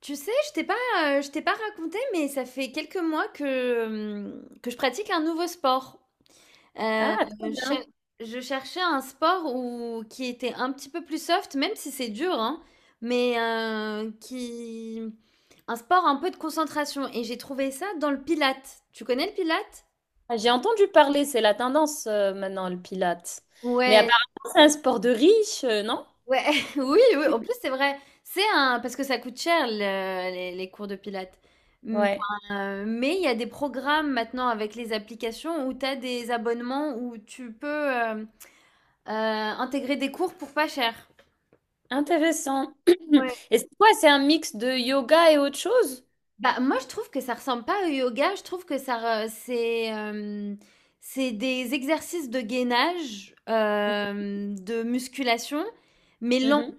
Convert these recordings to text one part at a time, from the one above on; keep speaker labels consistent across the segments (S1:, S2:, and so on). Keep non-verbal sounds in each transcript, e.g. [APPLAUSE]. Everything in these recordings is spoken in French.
S1: Tu sais, je t'ai pas raconté, mais ça fait quelques mois que je pratique un nouveau sport. Euh,
S2: Ah, très
S1: je, cher-
S2: bien.
S1: je cherchais un sport où, qui était un petit peu plus soft, même si c'est dur, hein, mais qui, un sport un peu de concentration. Et j'ai trouvé ça dans le Pilates. Tu connais le Pilates?
S2: Ah, j'ai entendu parler, c'est la tendance maintenant, le pilates. Mais
S1: Ouais,
S2: apparemment, c'est un sport de riche, non?
S1: ouais, [LAUGHS] oui, oui, en plus, c'est vrai. C'est un parce que ça coûte cher le les cours de pilates. Mmh,
S2: Ouais,
S1: enfin, mais il y a des programmes maintenant avec les applications où tu as des abonnements où tu peux, intégrer des cours pour pas cher.
S2: intéressant.
S1: Ouais.
S2: [CLEARS THROAT] Et c'est quoi? C'est un mix de yoga et autre chose?
S1: Bah, moi, je trouve que ça ressemble pas au yoga. Je trouve que ça re c'est, hem, c'est des exercices de gainage, de musculation, mais lent.
S2: Mhm.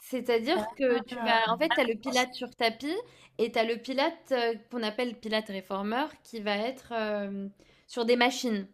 S1: C'est-à-dire que tu vas en fait, tu as le
S2: Ah,
S1: Pilate sur tapis, et tu as le Pilate qu'on appelle Pilate réformeur qui va être, sur des machines.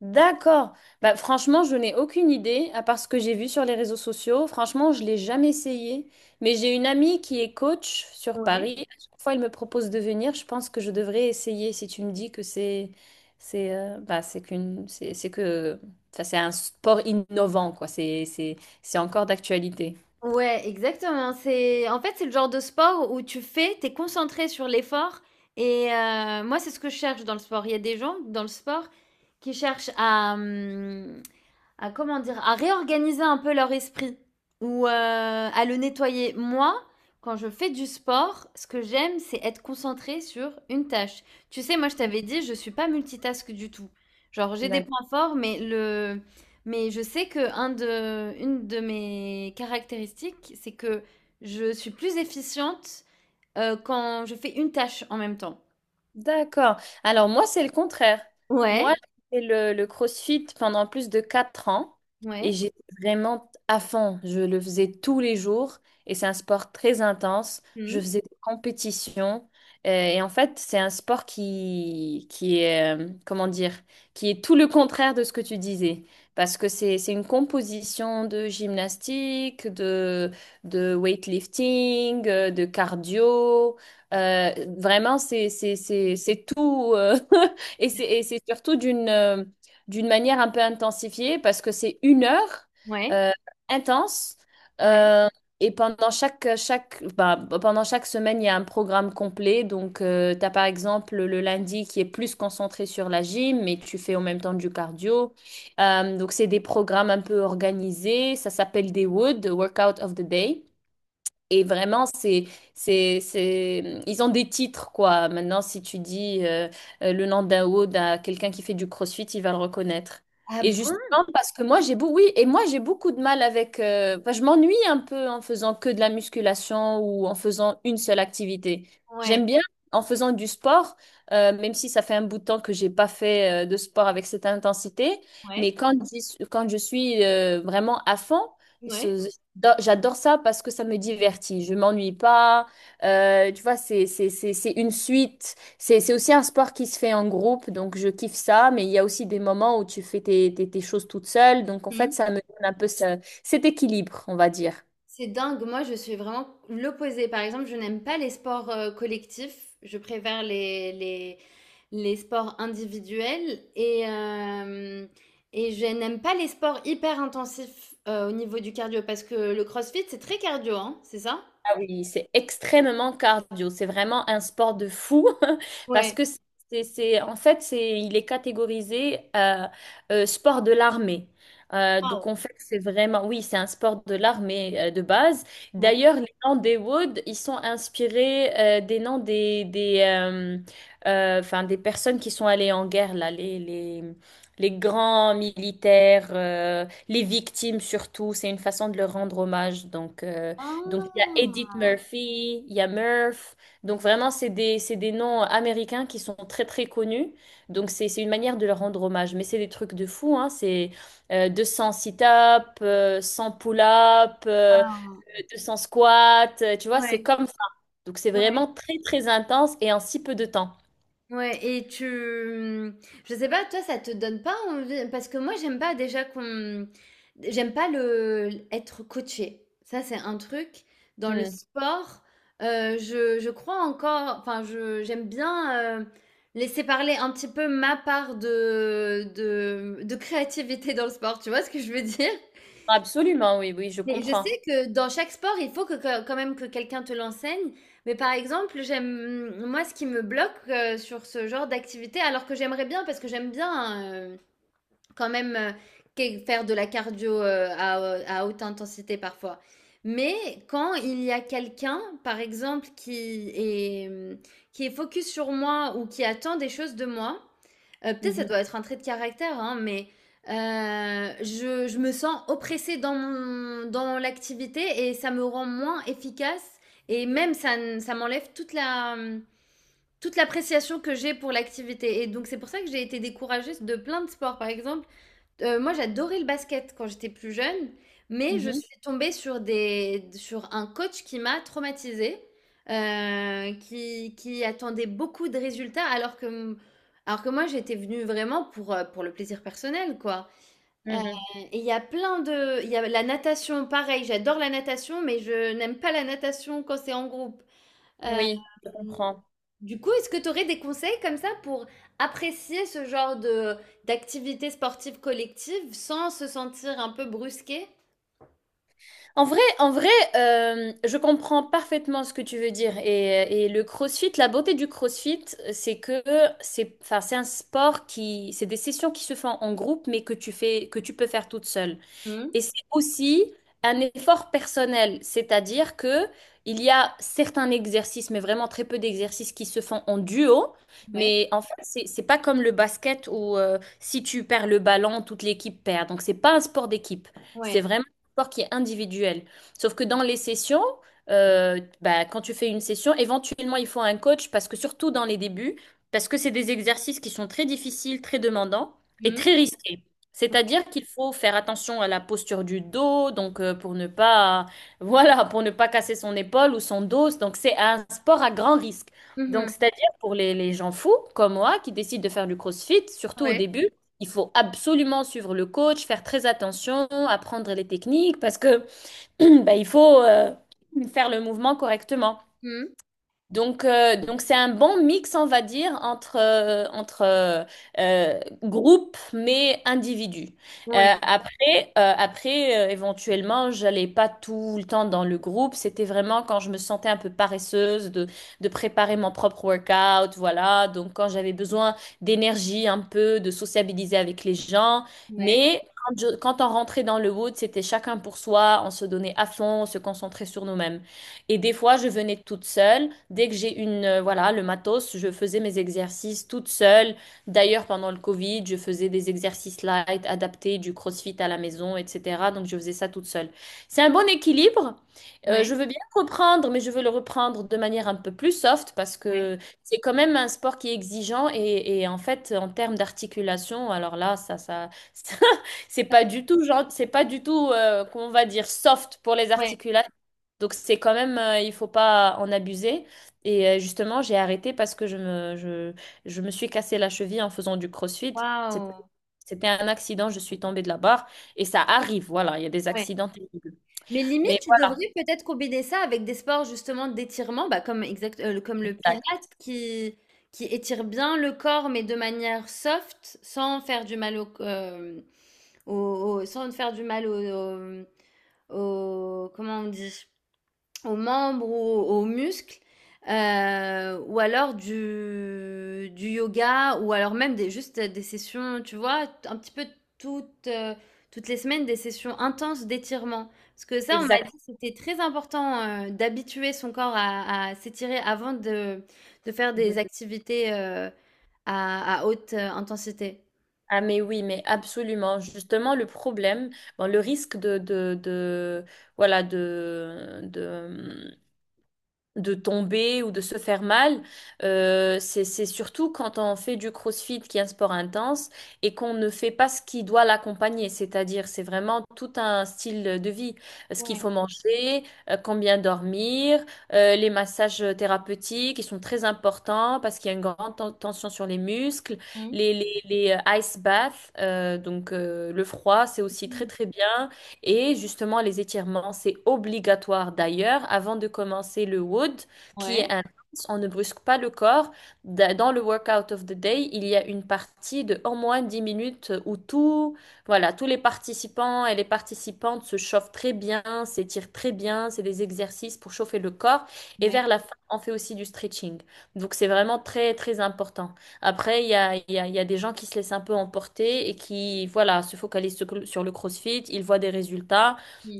S2: d'accord. Bah, franchement, je n'ai aucune idée, à part ce que j'ai vu sur les réseaux sociaux. Franchement, je l'ai jamais essayé. Mais j'ai une amie qui est coach sur Paris.
S1: Ouais.
S2: À chaque fois, elle me propose de venir. Je pense que je devrais essayer si tu me dis que c'est bah, c'est qu'une c'est que enfin, c'est un sport innovant quoi. C'est encore d'actualité.
S1: Ouais, exactement. C'est en fait, c'est le genre de sport où tu fais, tu es concentré sur l'effort, et moi, c'est ce que je cherche dans le sport. Il y a des gens dans le sport qui cherchent à, à comment dire, à réorganiser un peu leur esprit ou à le nettoyer. Moi, quand je fais du sport, ce que j'aime, c'est être concentrée sur une tâche. Tu sais, moi, je t'avais dit, je suis pas multitask du tout. Genre, j'ai des points forts, mais le, mais je sais que un de, une de mes caractéristiques, c'est que je suis plus efficiente quand je fais une tâche en même temps.
S2: D'accord. Alors moi, c'est le contraire. Moi,
S1: Ouais,
S2: j'ai fait le CrossFit pendant plus de 4 ans et
S1: ouais,
S2: j'étais vraiment à fond. Je le faisais tous les jours et c'est un sport très intense. Je
S1: hmm,
S2: faisais des compétitions et en fait, c'est un sport qui est, comment dire, qui est tout le contraire de ce que tu disais. Parce que c'est une composition de gymnastique, de weightlifting, de cardio. Euh, vraiment, c'est tout. [LAUGHS] Et c'est surtout d'une d'une manière un peu intensifiée parce que c'est 1 heure
S1: ouais,
S2: euh, intense.
S1: ouais.
S2: Euh, et pendant bah, pendant chaque semaine, il y a un programme complet. Donc, tu as par exemple le lundi qui est plus concentré sur la gym, mais tu fais en même temps du cardio. Donc, c'est des programmes un peu organisés. Ça s'appelle des WOOD, Workout of the Day. Et vraiment, c'est... ils ont des titres, quoi. Maintenant, si tu dis le nom d'un hood à quelqu'un qui fait du crossfit, il va le reconnaître.
S1: Ah
S2: Et
S1: bon?
S2: justement, parce que moi, j'ai beau... oui, et moi, j'ai beaucoup de mal avec... enfin, je m'ennuie un peu en faisant que de la musculation ou en faisant une seule activité.
S1: Ouais,
S2: J'aime bien en faisant du sport, même si ça fait un bout de temps que j'ai pas fait de sport avec cette intensité.
S1: ouais,
S2: Mais quand je suis vraiment à fond,
S1: ouais.
S2: ce- j'adore ça parce que ça me divertit. Je m'ennuie pas. Tu vois, c'est une suite. C'est aussi un sport qui se fait en groupe, donc je kiffe ça. Mais il y a aussi des moments où tu fais tes choses toute seule. Donc en fait,
S1: Hmm.
S2: ça me donne un peu cet équilibre, on va dire.
S1: C'est dingue, moi je suis vraiment l'opposé. Par exemple, je n'aime pas les sports collectifs, je préfère les sports individuels et je n'aime pas les sports hyper intensifs au niveau du cardio parce que le CrossFit c'est très cardio, hein, c'est ça?
S2: Ah oui, c'est extrêmement cardio. C'est vraiment un sport de fou [LAUGHS] parce
S1: Ouais.
S2: que en fait, c'est, il est catégorisé sport de l'armée. Donc
S1: Waouh.
S2: en fait, c'est vraiment, oui, c'est un sport de l'armée de base.
S1: Ouais.
S2: D'ailleurs, les noms des Woods, ils sont inspirés des noms enfin, des personnes qui sont allées en guerre, là, les grands militaires, les victimes surtout. C'est une façon de leur rendre hommage. Donc. Donc, il y a Edith
S1: Ah.
S2: Murphy, il y a Murph. Donc, vraiment, c'est des noms américains qui sont très, très connus. Donc, c'est une manière de leur rendre hommage. Mais c'est des trucs de fou, hein. C'est 200 sit-ups, 100 pull-ups,
S1: Waouh.
S2: 200 squats. Tu vois, c'est
S1: Ouais.
S2: comme ça. Donc, c'est
S1: Ouais.
S2: vraiment très, très intense et en si peu de temps.
S1: Ouais et tu je sais pas, toi, ça te donne pas envie parce que moi, j'aime pas déjà qu'on j'aime pas le être coaché. Ça, c'est un truc dans le
S2: Hmm.
S1: sport, je crois encore enfin, je j'aime bien, laisser parler un petit peu ma part de de créativité dans le sport, tu vois ce que je veux dire?
S2: Absolument, oui, oui, je
S1: Mais je
S2: comprends.
S1: sais que dans chaque sport, il faut quand même que quelqu'un te l'enseigne. Mais par exemple, j'aime moi ce qui me bloque sur ce genre d'activité, alors que j'aimerais bien parce que j'aime bien quand même faire de la cardio à haute intensité parfois. Mais quand il y a quelqu'un, par exemple, qui est qui est focus sur moi ou qui attend des choses de moi. Peut-être ça
S2: Mhm,
S1: doit être un trait de caractère, hein, mais, je me sens oppressée dans mon dans l'activité et ça me rend moins efficace et même ça m'enlève toute la, toute l'appréciation que j'ai pour l'activité, et donc c'est pour ça que j'ai été découragée de plein de sports. Par exemple, moi, j'adorais le basket quand j'étais plus jeune, mais je
S2: mhm.
S1: suis tombée sur des sur un coach qui m'a traumatisée, qui attendait beaucoup de résultats alors que moi, j'étais venue vraiment pour le plaisir personnel, quoi. Heu,
S2: Mhm.
S1: et il y a plein de il y a la natation, pareil, j'adore la natation, mais je n'aime pas la natation quand c'est en groupe. Hem
S2: Oui, je comprends.
S1: Du coup, est-ce que tu aurais des conseils comme ça pour apprécier ce genre de d'activité sportive collective sans se sentir un peu brusqué?
S2: En vrai, je comprends parfaitement ce que tu veux dire. Et le CrossFit, la beauté du CrossFit, c'est que enfin, c'est un sport c'est des sessions qui se font en groupe, mais que que tu peux faire toute seule.
S1: Mmh,
S2: Et c'est aussi un effort personnel, c'est-à-dire que il y a certains exercices, mais vraiment très peu d'exercices qui se font en duo.
S1: ouais,
S2: Mais en fait, c'est pas comme le basket où si tu perds le ballon, toute l'équipe perd. Donc c'est pas un sport d'équipe. C'est
S1: ouais.
S2: vraiment un sport qui est individuel. Sauf que dans les sessions, bah, quand tu fais une session, éventuellement il faut un coach parce que surtout dans les débuts, parce que c'est des exercices qui sont très difficiles, très demandants et
S1: Mmh,
S2: très risqués.
S1: ouais.
S2: C'est-à-dire qu'il faut faire attention à la posture du dos, donc pour ne pas, [LAUGHS] voilà, pour ne pas casser son épaule ou son dos. Donc c'est un sport à grand risque. Donc
S1: Mmh.
S2: c'est-à-dire pour les gens fous comme moi qui décident de faire du CrossFit, surtout au
S1: Ouais.
S2: début, il faut absolument suivre le coach, faire très attention, apprendre les techniques parce que [CLEARS THROAT] bah, il faut faire le mouvement correctement.
S1: Mmh.
S2: Donc c'est un bon mix, on va dire, entre groupe mais individu.
S1: Ouais.
S2: Après éventuellement, j'allais pas tout le temps dans le groupe. C'était vraiment quand je me sentais un peu paresseuse de préparer mon propre workout, voilà. Donc, quand j'avais besoin d'énergie un peu, de sociabiliser avec les gens.
S1: Ouais.
S2: Mais quand on rentrait dans le wood, c'était chacun pour soi. On se donnait à fond, on se concentrait sur nous-mêmes. Et des fois, je venais toute seule. Dès que j'ai une, voilà, le matos, je faisais mes exercices toute seule. D'ailleurs, pendant le Covid, je faisais des exercices light, adaptés, du CrossFit à la maison, etc. Donc, je faisais ça toute seule. C'est un bon équilibre.
S1: Ouais.
S2: Je veux bien reprendre, mais je veux le reprendre de manière un peu plus soft parce
S1: Ouais.
S2: que c'est quand même un sport qui est exigeant et en fait, en termes d'articulation, alors là, [LAUGHS] ça, c'est pas du tout, genre, c'est pas du tout, comment on va dire, soft pour les
S1: Ouais.
S2: articulations. Donc c'est quand même, il faut pas en abuser. Et justement, j'ai arrêté parce que je me suis cassé la cheville en faisant du crossfit. C'était
S1: Waouh!
S2: c'était un accident, je suis tombée de la barre. Et ça arrive, voilà, il y a des
S1: Ouais.
S2: accidents terribles.
S1: Mais
S2: Mais
S1: limite, tu devrais peut-être combiner ça avec des sports justement d'étirement, bah, comme
S2: oui,
S1: le pilates qui qui étire bien le corps, mais de manière soft, sans faire du mal au c hem au, au- sans te faire du mal comment on dit, aux membres ou aux muscles, ou alors du yoga, ou alors même des, juste des sessions, tu vois, un petit peu toutes, toutes les semaines, des sessions intenses d'étirement. Parce que ça, on m'a
S2: exact.
S1: dit, que c'était très important d'habituer son corps à s'étirer avant de faire
S2: De-
S1: des activités à haute intensité.
S2: Ah mais oui, mais absolument. Justement, le problème, bon, le risque de- voilà, de tomber ou de se faire mal. C'est surtout quand on fait du crossfit qui est un sport intense et qu'on ne fait pas ce qui doit l'accompagner. C'est-à-dire, c'est vraiment tout un style de vie. Ce qu'il
S1: Ouais.
S2: faut manger, combien dormir, les massages thérapeutiques, ils sont très importants parce qu'il y a une grande tension sur les muscles.
S1: Mhm.
S2: Les ice baths, donc le froid, c'est aussi très
S1: Mhm.
S2: très bien. Et justement, les étirements, c'est obligatoire d'ailleurs. Avant de commencer le wood, qui est intense, on ne brusque pas le corps. Dans le workout of the day, il y a une partie de au moins 10 minutes où tout, voilà, tous les participants et les participantes se chauffent très bien, s'étirent très bien. C'est des exercices pour chauffer le corps. Et vers la fin, on fait aussi du stretching. Donc, c'est vraiment très, très important. Après, il y a des gens qui se laissent un peu emporter et qui, voilà, se focalisent sur sur le CrossFit, ils voient des résultats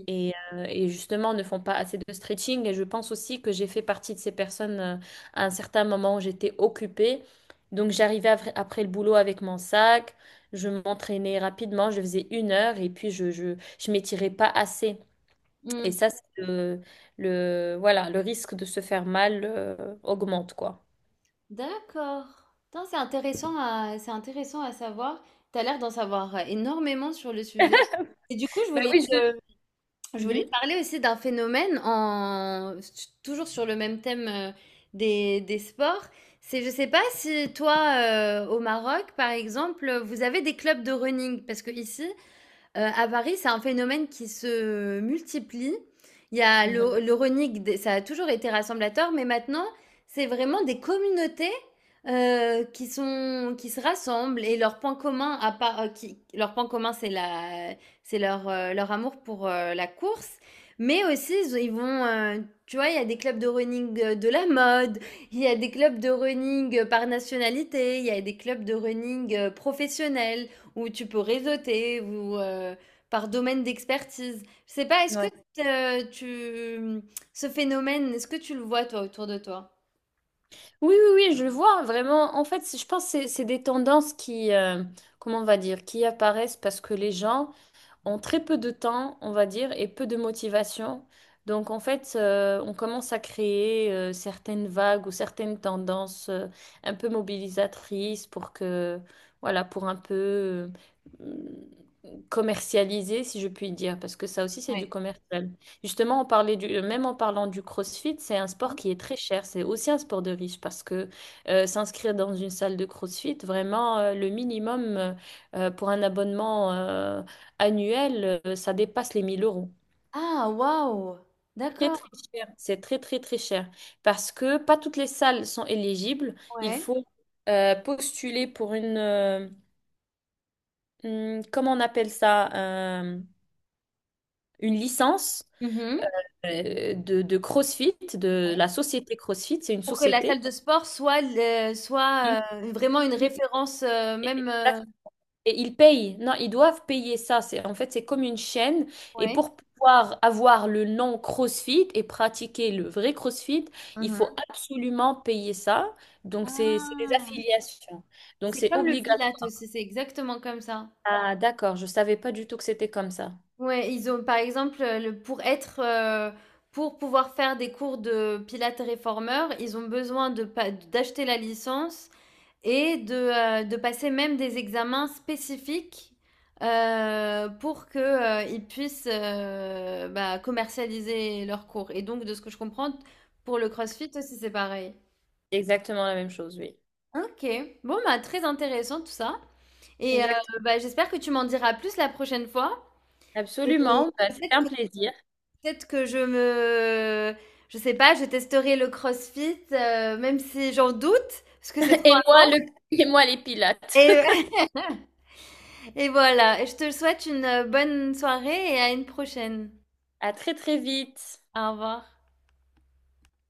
S2: et justement ne font pas assez de stretching. Et je pense aussi que j'ai fait partie de ces personnes à un certain moment où j'étais occupée. Donc j'arrivais après, après le boulot avec mon sac, je m'entraînais rapidement, je faisais 1 heure et puis je m'étirais pas assez. Et
S1: Mm.
S2: ça, c'est voilà, le risque de se faire mal augmente, quoi.
S1: D'accord. Putain, c'est intéressant à, c'est intéressant à savoir. Tu as l'air d'en savoir énormément sur le sujet. Et du coup,
S2: Bah oui, je...
S1: je voulais te
S2: Mhm.
S1: parler aussi d'un phénomène en, toujours sur le même thème des sports. C'est, je sais pas si toi, au Maroc, par exemple, vous avez des clubs de running. Parce que ici, à Paris, c'est un phénomène qui se multiplie. Il y a
S2: Mhm.
S1: le running des ça a toujours été rassemblateur, mais maintenant, c'est vraiment des communautés, qui sont qui se rassemblent et leur point commun à part, qui leur point commun, c'est la c'est leur, leur amour pour, la course, mais aussi ils vont, tu vois, il y a des clubs de running, de la mode, il y a des clubs de running, par nationalité, il y a des clubs de running, professionnels. Ou tu peux réseauter ou par domaine d'expertise. Je sais pas, est-ce que
S2: Ouais.
S1: tu ce phénomène, est-ce que tu le vois toi autour de toi?
S2: Oui, oui, oui, je le vois vraiment. En fait, je pense que c'est des tendances qui, comment on va dire, qui apparaissent parce que les gens, en très peu de temps, on va dire, et peu de motivation. Donc en fait, on commence à créer certaines vagues ou certaines tendances un peu mobilisatrices pour que, voilà, pour un peu commercialiser, si je puis dire, parce que ça aussi c'est du
S1: Ouais.
S2: commercial. Justement, on parlait du, même en parlant du CrossFit, c'est un
S1: Mhm.
S2: sport qui est très cher, c'est aussi un sport de riche parce que s'inscrire dans une salle de CrossFit, vraiment le minimum pour un abonnement annuel, ça dépasse les 1 000 euros.
S1: Ah, waouh!
S2: Très,
S1: D'accord,
S2: très cher. C'est très, très, très cher. Parce que pas toutes les salles sont éligibles. Il
S1: ouais.
S2: faut postuler pour une, comment on appelle ça, euh, une licence
S1: Mhm.
S2: de CrossFit, de
S1: Ouais.
S2: la société CrossFit. C'est une
S1: Pour que la
S2: société.
S1: salle de sport
S2: Qui
S1: soit vraiment une référence même
S2: Et ils payent. Non, ils doivent payer ça. C'est, en fait, c'est comme une chaîne. Et
S1: ouais.
S2: pour pouvoir avoir le nom CrossFit et pratiquer le vrai CrossFit, il faut
S1: Mhm.
S2: absolument payer ça. Donc, c'est des
S1: Ah,
S2: affiliations. Donc,
S1: c'est
S2: c'est
S1: comme le
S2: obligatoire.
S1: Pilate aussi, c'est exactement comme ça.
S2: Ah, d'accord. Je savais pas du tout que c'était comme ça.
S1: Ouais, ils ont par exemple, le pour être, pour pouvoir faire des cours de pilates réformeur, ils ont besoin de pa d'acheter la licence et de passer même des examens spécifiques, pour que, ils puissent, bah, commercialiser leurs cours et donc de ce que je comprends, pour le CrossFit aussi, c'est pareil.
S2: Exactement la même chose, oui.
S1: OK. Bon, bah, très intéressant tout ça et
S2: Exactement.
S1: bah, j'espère que tu m'en diras plus la prochaine fois et
S2: Absolument. Bah, c'était
S1: peut-être
S2: un plaisir.
S1: peut-être que je sais pas, je testerai le CrossFit, même si j'en doute, parce que c'est
S2: [LAUGHS]
S1: trop
S2: Et moi,
S1: intense
S2: le... et moi, les pilates. [LAUGHS]
S1: et [LAUGHS] et voilà et je te souhaite une, bonne soirée et à une prochaine.
S2: À très, très vite.
S1: Au revoir.